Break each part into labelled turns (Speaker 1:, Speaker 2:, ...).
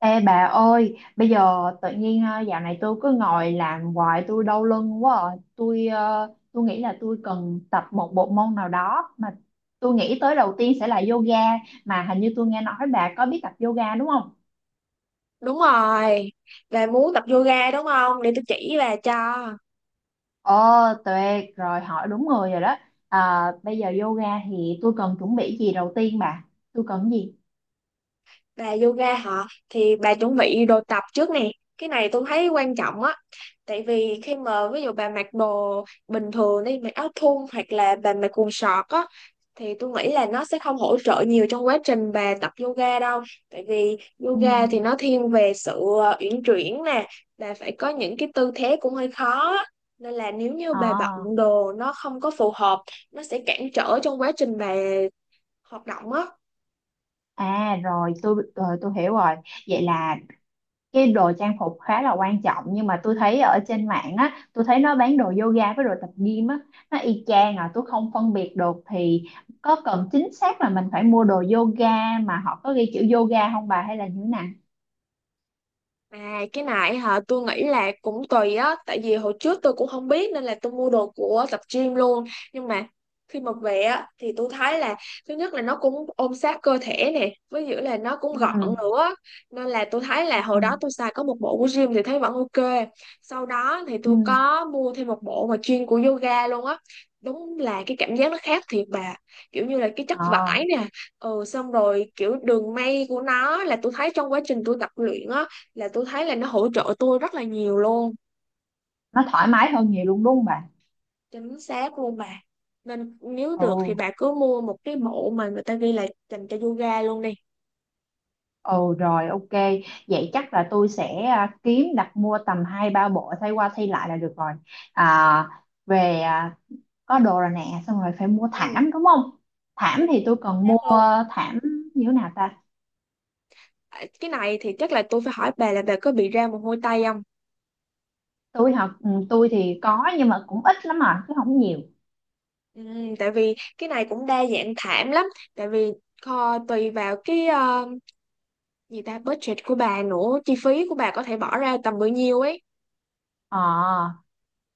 Speaker 1: Ê bà ơi, bây giờ tự nhiên dạo này tôi cứ ngồi làm hoài tôi đau lưng quá à. Tôi nghĩ là tôi cần tập một bộ môn nào đó mà tôi nghĩ tới đầu tiên sẽ là yoga, mà hình như tôi nghe nói bà có biết tập yoga đúng không?
Speaker 2: Đúng rồi, về muốn tập yoga đúng không? Để tôi chỉ bà cho.
Speaker 1: Ồ, tuyệt rồi, hỏi đúng người rồi đó. À, bây giờ yoga thì tôi cần chuẩn bị gì đầu tiên bà? Tôi cần gì?
Speaker 2: Bà yoga họ thì bà chuẩn bị đồ tập trước nè, cái này tôi thấy quan trọng á. Tại vì khi mà ví dụ bà mặc đồ bình thường đi, mặc áo thun hoặc là bà mặc quần sọt á thì tôi nghĩ là nó sẽ không hỗ trợ nhiều trong quá trình bà tập yoga đâu. Tại vì
Speaker 1: Ừ.
Speaker 2: yoga thì nó thiên về sự uyển chuyển nè, bà phải có những cái tư thế cũng hơi khó á. Nên là nếu như bà bận
Speaker 1: À,
Speaker 2: đồ nó không có phù hợp, nó sẽ cản trở trong quá trình bà hoạt động á.
Speaker 1: rồi tôi hiểu rồi. Vậy là cái đồ trang phục khá là quan trọng, nhưng mà tôi thấy ở trên mạng á, tôi thấy nó bán đồ yoga với đồ tập gym á, nó y chang à, tôi không phân biệt được. Thì có cần chính xác là mình phải mua đồ yoga mà họ có ghi chữ yoga không bà, hay là như thế nào?
Speaker 2: À, cái này hả, tôi nghĩ là cũng tùy á, tại vì hồi trước tôi cũng không biết nên là tôi mua đồ của tập gym luôn. Nhưng mà khi mà về á thì tôi thấy là thứ nhất là nó cũng ôm sát cơ thể nè, với giữa là nó cũng
Speaker 1: Ừ.
Speaker 2: gọn nữa, nên là tôi thấy
Speaker 1: Ừ.
Speaker 2: là hồi đó tôi xài có một bộ của gym thì thấy vẫn ok. Sau đó thì
Speaker 1: Ừ.
Speaker 2: tôi có mua thêm một bộ mà chuyên của yoga luôn á, đúng là cái cảm giác nó khác thiệt bà, kiểu như là cái chất vải
Speaker 1: Ờ,
Speaker 2: nè, ừ, xong rồi kiểu đường may của nó, là tôi thấy trong quá trình tôi tập luyện á, là tôi thấy là nó hỗ trợ tôi rất là nhiều luôn.
Speaker 1: nó thoải mái hơn nhiều luôn đúng không bà?
Speaker 2: Chính xác luôn bà, nên nếu được thì
Speaker 1: Ừ,
Speaker 2: bà cứ mua một cái bộ mà người ta ghi là dành cho yoga luôn đi.
Speaker 1: ừ, rồi ok. Vậy chắc là tôi sẽ kiếm đặt mua tầm hai ba bộ thay qua thay lại là được rồi. À, về, à, có đồ rồi nè, xong rồi phải mua
Speaker 2: Ừ,
Speaker 1: thảm đúng không? Thảm
Speaker 2: chính
Speaker 1: thì tôi cần
Speaker 2: xác
Speaker 1: mua
Speaker 2: luôn.
Speaker 1: thảm như thế nào ta?
Speaker 2: À, cái này thì chắc là tôi phải hỏi bà là bà có bị ra mồ hôi tay không.
Speaker 1: Tôi học tôi thì có nhưng mà cũng ít lắm, mà chứ không nhiều.
Speaker 2: Ừ, tại vì cái này cũng đa dạng thảm lắm, tại vì tùy vào cái ờ, gì ta budget của bà nữa, chi phí của bà có thể bỏ ra tầm bao nhiêu ấy.
Speaker 1: Ờ,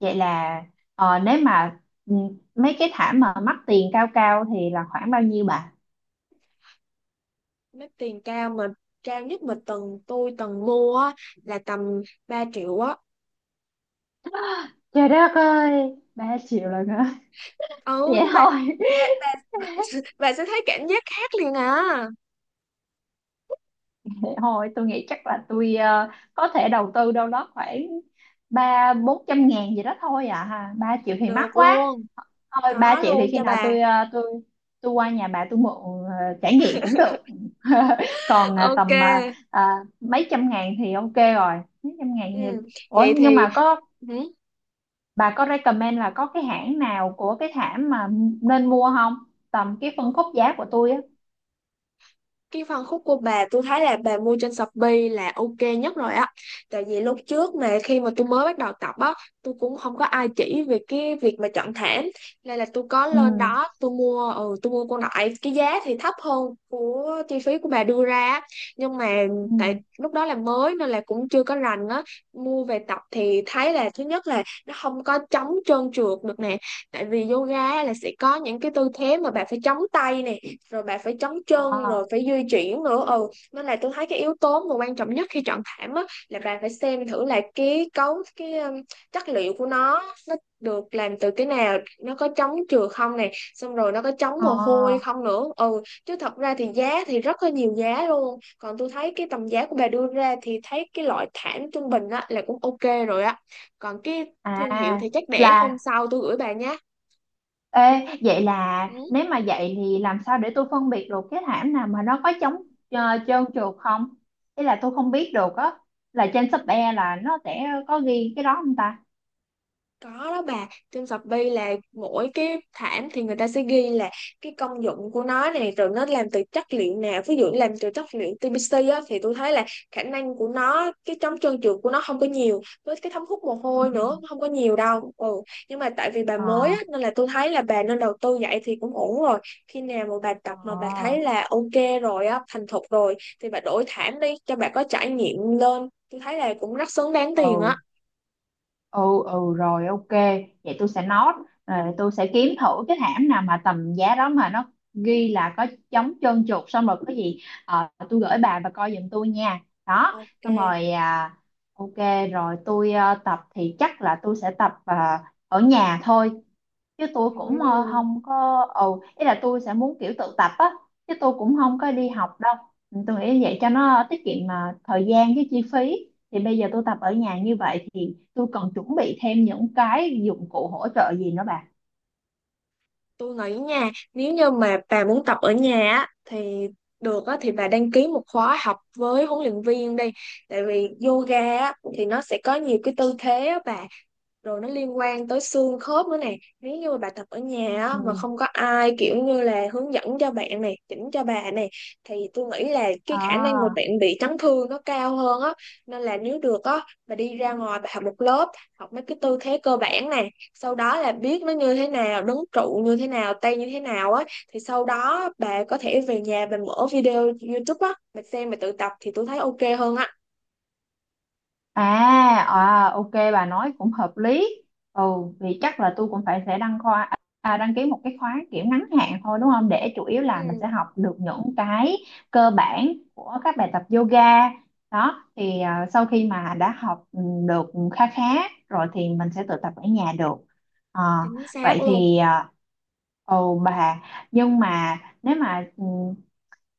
Speaker 1: vậy là, nếu mà, ừ, mấy cái thảm mà mắc tiền cao cao thì là khoảng bao nhiêu bà?
Speaker 2: Mấy tiền cao mà cao nhất mà tôi từng mua á, là tầm 3 triệu á.
Speaker 1: Trời đất ơi, ba triệu là hả? Vậy
Speaker 2: Ừ, nhưng mà
Speaker 1: thôi.
Speaker 2: bà, bà sẽ thấy cảm giác khác liền à.
Speaker 1: Vậy thôi tôi nghĩ chắc là có thể đầu tư đâu đó khoảng ba bốn trăm ngàn gì đó thôi à ha, ba triệu thì mắc
Speaker 2: Được
Speaker 1: quá.
Speaker 2: luôn,
Speaker 1: Thôi ba
Speaker 2: có
Speaker 1: triệu thì
Speaker 2: luôn
Speaker 1: khi
Speaker 2: cho
Speaker 1: nào
Speaker 2: bà.
Speaker 1: tôi tôi qua nhà bà tôi mượn, ờ, trải nghiệm cũng được. Còn
Speaker 2: Ok.
Speaker 1: tầm, à, mấy trăm ngàn thì ok rồi, mấy trăm ngàn
Speaker 2: Ừ,
Speaker 1: thì... Ủa
Speaker 2: vậy thì
Speaker 1: nhưng mà có,
Speaker 2: ừ.
Speaker 1: bà có recommend là có cái hãng nào của cái thảm mà nên mua không, tầm cái phân khúc giá của tôi á?
Speaker 2: Cái phân khúc của bà, tôi thấy là bà mua trên Shopee là ok nhất rồi á. Tại vì lúc trước mà khi mà tôi mới bắt đầu tập á, tôi cũng không có ai chỉ về cái việc mà chọn thảm, nên là tôi có
Speaker 1: Ừ.
Speaker 2: lên đó tôi mua, ừ, tôi mua con đại, cái giá thì thấp hơn của chi phí của bà đưa ra á. Nhưng mà tại
Speaker 1: Ừ.
Speaker 2: lúc đó là mới nên là cũng chưa có rành á, mua về tập thì thấy là thứ nhất là nó không có chống trơn trượt được nè. Tại vì yoga là sẽ có những cái tư thế mà bà phải chống tay nè, rồi bạn phải trấn chân
Speaker 1: Ờ.
Speaker 2: rồi phải di chuyển nữa. Ừ, nên là tôi thấy cái yếu tố mà quan trọng nhất khi chọn thảm á là bạn phải xem thử là cái cấu cái chất liệu của nó được làm từ cái nào, nó có chống trượt không này, xong rồi nó có chống mồ hôi
Speaker 1: Ờ.
Speaker 2: không nữa. Ừ, chứ thật ra thì giá thì rất là nhiều giá luôn. Còn tôi thấy cái tầm giá của bà đưa ra thì thấy cái loại thảm trung bình á là cũng ok rồi á. Còn cái thương hiệu
Speaker 1: À,
Speaker 2: thì chắc để hôm
Speaker 1: là
Speaker 2: sau tôi gửi bà nhé.
Speaker 1: Ê, vậy là
Speaker 2: Ừ.
Speaker 1: nếu mà vậy thì làm sao để tôi phân biệt được cái thảm nào mà nó có chống trơn trượt không? Ý là tôi không biết được á, là trên shop e là nó sẽ có ghi cái đó không ta?
Speaker 2: Có đó bà, trên Shopee là mỗi cái thảm thì người ta sẽ ghi là cái công dụng của nó này, rồi nó làm từ chất liệu nào. Ví dụ làm từ chất liệu TPC á, thì tôi thấy là khả năng của nó, cái chống trơn trượt của nó không có nhiều. Với cái thấm hút mồ hôi
Speaker 1: Ừ.
Speaker 2: nữa, không có nhiều đâu. Ừ. Nhưng mà tại vì bà
Speaker 1: Ờ.
Speaker 2: mới á, nên là tôi thấy là bà nên đầu tư vậy thì cũng ổn rồi. Khi nào mà bà tập mà bà thấy
Speaker 1: Ờ.
Speaker 2: là ok rồi á, thành thục rồi thì bà đổi thảm đi cho bà có trải nghiệm lên. Tôi thấy là cũng rất xứng đáng tiền á.
Speaker 1: Ừ. Ừ, ừ, rồi ok, vậy tôi sẽ note, rồi tôi sẽ kiếm thử cái hãng nào mà tầm giá đó mà nó ghi là có chống trơn trượt, xong rồi có gì tôi gửi bà và coi giùm tôi nha. Đó,
Speaker 2: Ok.
Speaker 1: xong rồi, à, ok. Rồi tập thì chắc là tôi sẽ tập, ở nhà thôi, chứ
Speaker 2: Ừ.
Speaker 1: không có, ừ, ý là tôi sẽ muốn kiểu tự tập á, chứ tôi cũng không có đi học đâu. Ừ, tôi nghĩ vậy cho nó tiết kiệm mà thời gian với chi phí. Thì bây giờ tôi tập ở nhà như vậy thì tôi cần chuẩn bị thêm những cái dụng cụ hỗ trợ gì nữa bà?
Speaker 2: Tôi nghĩ nha, nếu như mà bà muốn tập ở nhà á, thì được á, thì bà đăng ký một khóa học với huấn luyện viên đi. Tại vì yoga á, thì nó sẽ có nhiều cái tư thế á bà, rồi nó liên quan tới xương khớp nữa nè. Nếu như mà bà tập ở
Speaker 1: Ừ.
Speaker 2: nhà á, mà không có ai kiểu như là hướng dẫn cho bạn này, chỉnh cho bà này, thì tôi nghĩ là cái khả năng mà
Speaker 1: À.
Speaker 2: bạn bị chấn thương nó cao hơn á. Nên là nếu được á, bà đi ra ngoài bà học một lớp, học mấy cái tư thế cơ bản nè, sau đó là biết nó như thế nào, đứng trụ như thế nào, tay như thế nào á, thì sau đó bà có thể về nhà bà mở video YouTube á, bà xem bà tự tập thì tôi thấy ok hơn á.
Speaker 1: À, à, ok, bà nói cũng hợp lý. Ừ, vì chắc là tôi cũng phải sẽ đăng ký một cái khóa kiểu ngắn hạn thôi đúng không? Để chủ yếu là mình
Speaker 2: Ừ,
Speaker 1: sẽ học được những cái cơ bản của các bài tập yoga. Đó, thì à, sau khi mà đã học được khá khá rồi thì mình sẽ tự tập ở nhà được. Ờ,
Speaker 2: chính xác
Speaker 1: vậy
Speaker 2: luôn.
Speaker 1: thì, à, ồ bà, nhưng mà nếu mà, ừ,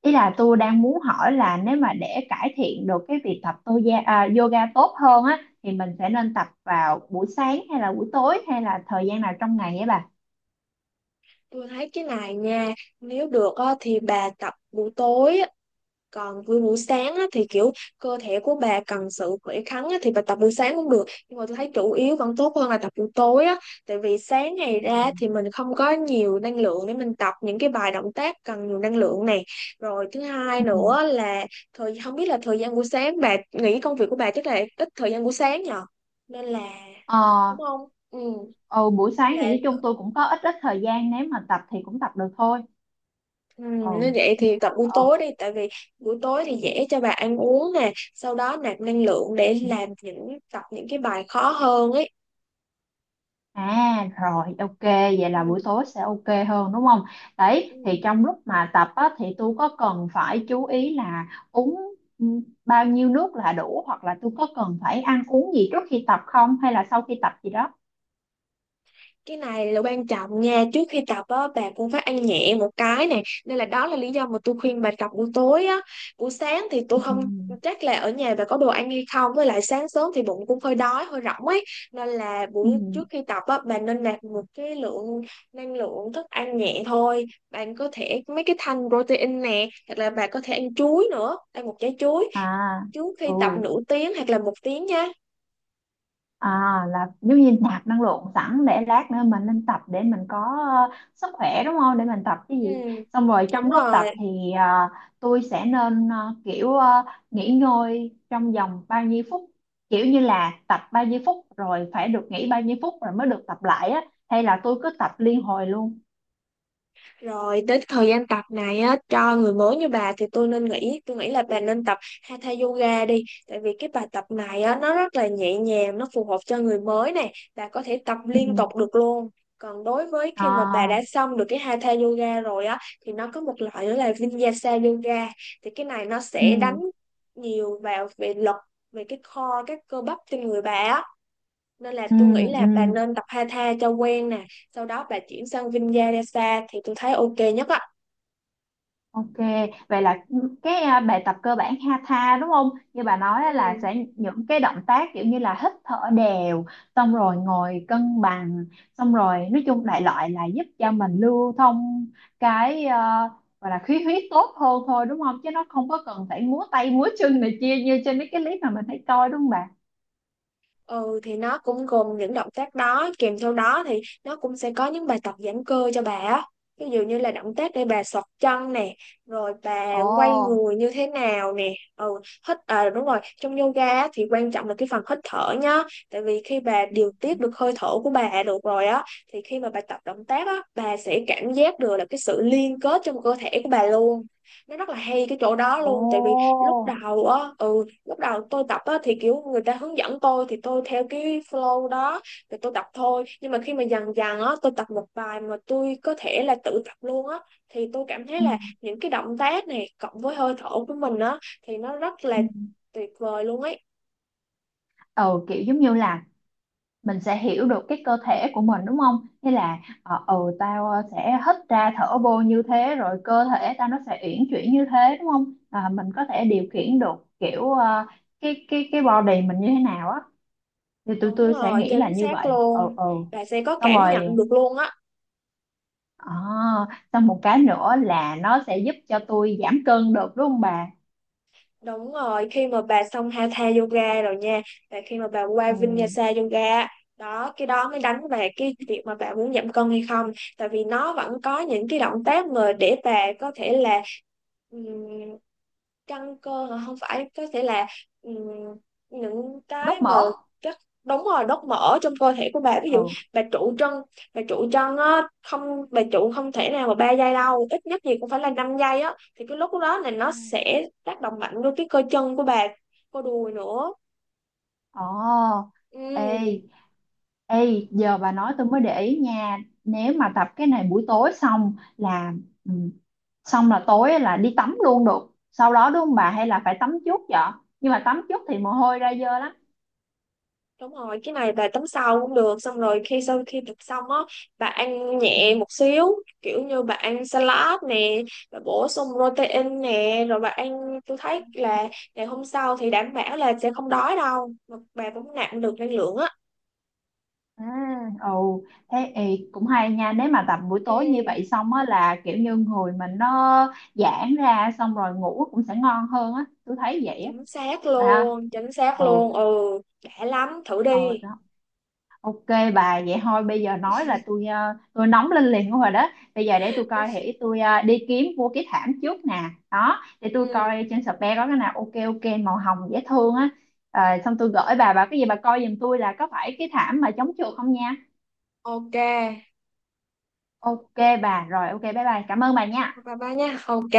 Speaker 1: ý là tôi đang muốn hỏi là nếu mà để cải thiện được cái việc yoga tốt hơn á thì mình sẽ nên tập vào buổi sáng hay là buổi tối hay là thời gian nào trong ngày ấy bà?
Speaker 2: Tôi thấy cái này nha, nếu được á, thì bà tập buổi tối á. Còn buổi buổi sáng á, thì kiểu cơ thể của bà cần sự khỏe khoắn á, thì bà tập buổi sáng cũng được. Nhưng mà tôi thấy chủ yếu vẫn tốt hơn là tập buổi tối á, tại vì sáng ngày
Speaker 1: Ừ.
Speaker 2: ra thì mình không có nhiều năng lượng để mình tập những cái bài động tác cần nhiều năng lượng này. Rồi thứ hai
Speaker 1: Ừ.
Speaker 2: nữa là không biết là thời gian buổi sáng, bà nghĩ công việc của bà chắc là ít thời gian buổi sáng nhờ. Nên là
Speaker 1: Ờ,
Speaker 2: đúng không? Ừ.
Speaker 1: ừ, buổi
Speaker 2: Nên
Speaker 1: sáng thì nói
Speaker 2: là,
Speaker 1: chung tôi cũng có ít ít thời gian, nếu mà tập thì cũng tập được thôi.
Speaker 2: ừ,
Speaker 1: Ừ.
Speaker 2: nếu vậy
Speaker 1: Nhưng
Speaker 2: thì
Speaker 1: mà,
Speaker 2: tập buổi tối đi, tại vì buổi tối thì dễ cho bà ăn uống nè, sau đó nạp năng lượng để
Speaker 1: ừ.
Speaker 2: làm, tập những cái bài khó hơn ấy.
Speaker 1: À, rồi ok, vậy là buổi
Speaker 2: Ừ.
Speaker 1: tối sẽ ok hơn đúng không? Đấy
Speaker 2: Ừ.
Speaker 1: thì trong lúc mà tập á, thì tôi có cần phải chú ý là uống, ừ, bao nhiêu nước là đủ, hoặc là tôi có cần phải ăn uống gì trước khi tập không, hay là sau khi tập gì đó?
Speaker 2: Cái này là quan trọng nha, trước khi tập á bà cũng phải ăn nhẹ một cái nè, nên là đó là lý do mà tôi khuyên bà tập buổi tối á. Buổi sáng thì tôi
Speaker 1: Ừ.
Speaker 2: không chắc là ở nhà bà có đồ ăn hay không, với lại sáng sớm thì bụng cũng hơi đói hơi rỗng ấy. Nên là
Speaker 1: Ừ.
Speaker 2: buổi trước khi tập á, bà nên nạp một cái lượng năng lượng thức ăn nhẹ thôi. Bạn có thể mấy cái thanh protein nè, hoặc là bà có thể ăn chuối nữa, ăn một trái chuối
Speaker 1: À.
Speaker 2: trước
Speaker 1: Ừ.
Speaker 2: khi tập nửa tiếng hoặc là một tiếng nha.
Speaker 1: À, là giống như nạp năng lượng sẵn để lát nữa mình lên tập để mình có, ờ, sức khỏe đúng không? Để mình tập cái
Speaker 2: Ừ,
Speaker 1: gì. Xong rồi
Speaker 2: đúng
Speaker 1: trong lúc tập
Speaker 2: rồi.
Speaker 1: thì, tôi sẽ nên, nghỉ ngơi trong vòng bao nhiêu phút. Kiểu như là tập bao nhiêu phút rồi phải được nghỉ bao nhiêu phút rồi mới được tập lại á. Hay là tôi cứ tập liên hồi luôn.
Speaker 2: Rồi đến thời gian tập này á, cho người mới như bà thì tôi nghĩ là bà nên tập Hatha Yoga đi. Tại vì cái bài tập này á, nó rất là nhẹ nhàng, nó phù hợp cho người mới nè. Bà có thể tập liên
Speaker 1: Ừ.
Speaker 2: tục được luôn. Còn đối với khi mà bà
Speaker 1: À,
Speaker 2: đã xong được cái Hatha Yoga rồi á, thì nó có một loại nữa là Vinyasa Yoga. Thì cái này nó
Speaker 1: ừ,
Speaker 2: sẽ đánh nhiều vào về lực, về cái core, các cơ bắp trên người bà á, nên là
Speaker 1: ừ,
Speaker 2: tôi nghĩ
Speaker 1: ừ.
Speaker 2: là bà nên tập Hatha cho quen nè, sau đó bà chuyển sang Vinyasa thì tôi thấy ok nhất á.
Speaker 1: Ok, vậy là cái, à, bài tập cơ bản hatha đúng không? Như bà nói á, là
Speaker 2: Ừ.
Speaker 1: sẽ những cái động tác kiểu như là hít thở đều, xong rồi ngồi cân bằng, xong rồi nói chung đại loại là giúp cho mình lưu thông cái, à, gọi là khí huyết tốt hơn thôi đúng không? Chứ nó không có cần phải múa tay múa chân này kia như trên mấy cái clip mà mình thấy coi đúng không bà?
Speaker 2: Ừ thì nó cũng gồm những động tác đó, kèm theo đó thì nó cũng sẽ có những bài tập giãn cơ cho bà á. Ví dụ như là động tác để bà xọt chân nè, rồi bà quay
Speaker 1: Ồ.
Speaker 2: người như thế nào nè. Ừ, hít à, đúng rồi, trong yoga á, thì quan trọng là cái phần hít thở nhá. Tại vì khi bà điều
Speaker 1: Ừ.
Speaker 2: tiết được hơi thở của bà được rồi á, thì khi mà bà tập động tác á, bà sẽ cảm giác được là cái sự liên kết trong cơ thể của bà luôn. Nó rất là hay cái chỗ đó
Speaker 1: Ồ.
Speaker 2: luôn, tại vì lúc đầu á, ừ, lúc đầu tôi tập á, thì kiểu người ta hướng dẫn tôi thì tôi theo cái flow đó thì tôi tập thôi. Nhưng mà khi mà dần dần á, tôi tập một bài mà tôi có thể là tự tập luôn á, thì tôi cảm thấy
Speaker 1: Ừ.
Speaker 2: là những cái động tác này cộng với hơi thở của mình á, thì nó rất là
Speaker 1: Ừ,
Speaker 2: tuyệt vời luôn ấy.
Speaker 1: ừ, kiểu giống như là mình sẽ hiểu được cái cơ thể của mình đúng không? Thế là tao, sẽ hít ra thở vô như thế rồi cơ thể tao nó sẽ uyển chuyển như thế đúng không? À, mình có thể điều khiển được kiểu, ờ, cái body mình như thế nào á, thì tụi
Speaker 2: Đúng
Speaker 1: tôi sẽ
Speaker 2: rồi,
Speaker 1: nghĩ là
Speaker 2: chính
Speaker 1: như
Speaker 2: xác
Speaker 1: vậy. Ừ,
Speaker 2: luôn,
Speaker 1: ừ.
Speaker 2: là sẽ có
Speaker 1: Xong
Speaker 2: cảm nhận
Speaker 1: rồi,
Speaker 2: được luôn á.
Speaker 1: ờ, xong một cái nữa là nó sẽ giúp cho tôi giảm cân được đúng không bà?
Speaker 2: Đúng rồi, khi mà bà xong Hatha Yoga rồi nha, và khi mà bà qua
Speaker 1: Ừ,
Speaker 2: Vinyasa Yoga, đó, cái đó mới đánh về cái việc mà bà muốn giảm cân hay không. Tại vì nó vẫn có những cái động tác mà để bà có thể là căng cơ hả? Không, phải có thể là ừm, những cái
Speaker 1: đốt
Speaker 2: mà
Speaker 1: mỡ.
Speaker 2: các, đúng rồi, đốt mỡ trong cơ thể của bà. Ví dụ bà trụ chân, bà trụ chân á không bà trụ không thể nào mà 3 giây đâu, ít nhất gì cũng phải là 5 giây á, thì cái lúc đó là
Speaker 1: Ừ.
Speaker 2: nó sẽ tác động mạnh vô cái cơ chân của bà, cơ đùi nữa.
Speaker 1: Ồ,
Speaker 2: Ừ.
Speaker 1: ê, ê, giờ bà nói tôi mới để ý nha. Nếu mà tập cái này buổi tối xong là, ừ, xong là tối là đi tắm luôn được. Sau đó đúng không bà, hay là phải tắm trước vậy? Nhưng mà tắm trước thì mồ hôi ra dơ lắm.
Speaker 2: Đúng rồi, cái này bà tắm sau cũng được. Xong rồi khi sau khi tập xong á, bà ăn
Speaker 1: Ừ.
Speaker 2: nhẹ một xíu, kiểu như bà ăn salad nè, bà bổ sung protein nè, rồi bà ăn, tôi thấy là ngày hôm sau thì đảm bảo là sẽ không đói đâu, mà bà cũng nạp được năng lượng á.
Speaker 1: À, ồ, thế ê, cũng hay nha. Nếu mà tập buổi
Speaker 2: Ừ,
Speaker 1: tối như vậy xong á là kiểu như người mình nó giãn ra, xong rồi ngủ cũng sẽ ngon hơn á. Tôi thấy vậy á.
Speaker 2: chính xác
Speaker 1: Bà.
Speaker 2: luôn. Chính xác
Speaker 1: Ừ,
Speaker 2: luôn, ừ. Đã lắm, thử
Speaker 1: ừ,
Speaker 2: đi.
Speaker 1: đó. Ok bà, vậy thôi bây giờ nói là tôi nóng lên liền rồi đó. Bây giờ để tôi coi thì đi kiếm mua cái thảm trước nè. Đó để tôi
Speaker 2: Ừ,
Speaker 1: coi trên Shopee có cái nào ok ok màu hồng dễ thương á. Ờ, xong tôi gửi bà cái gì bà coi giùm tôi là có phải cái thảm mà chống trượt không nha.
Speaker 2: ok.
Speaker 1: Ok bà, rồi ok, bye bye, cảm ơn bà nha.
Speaker 2: Bye bye nha, ok.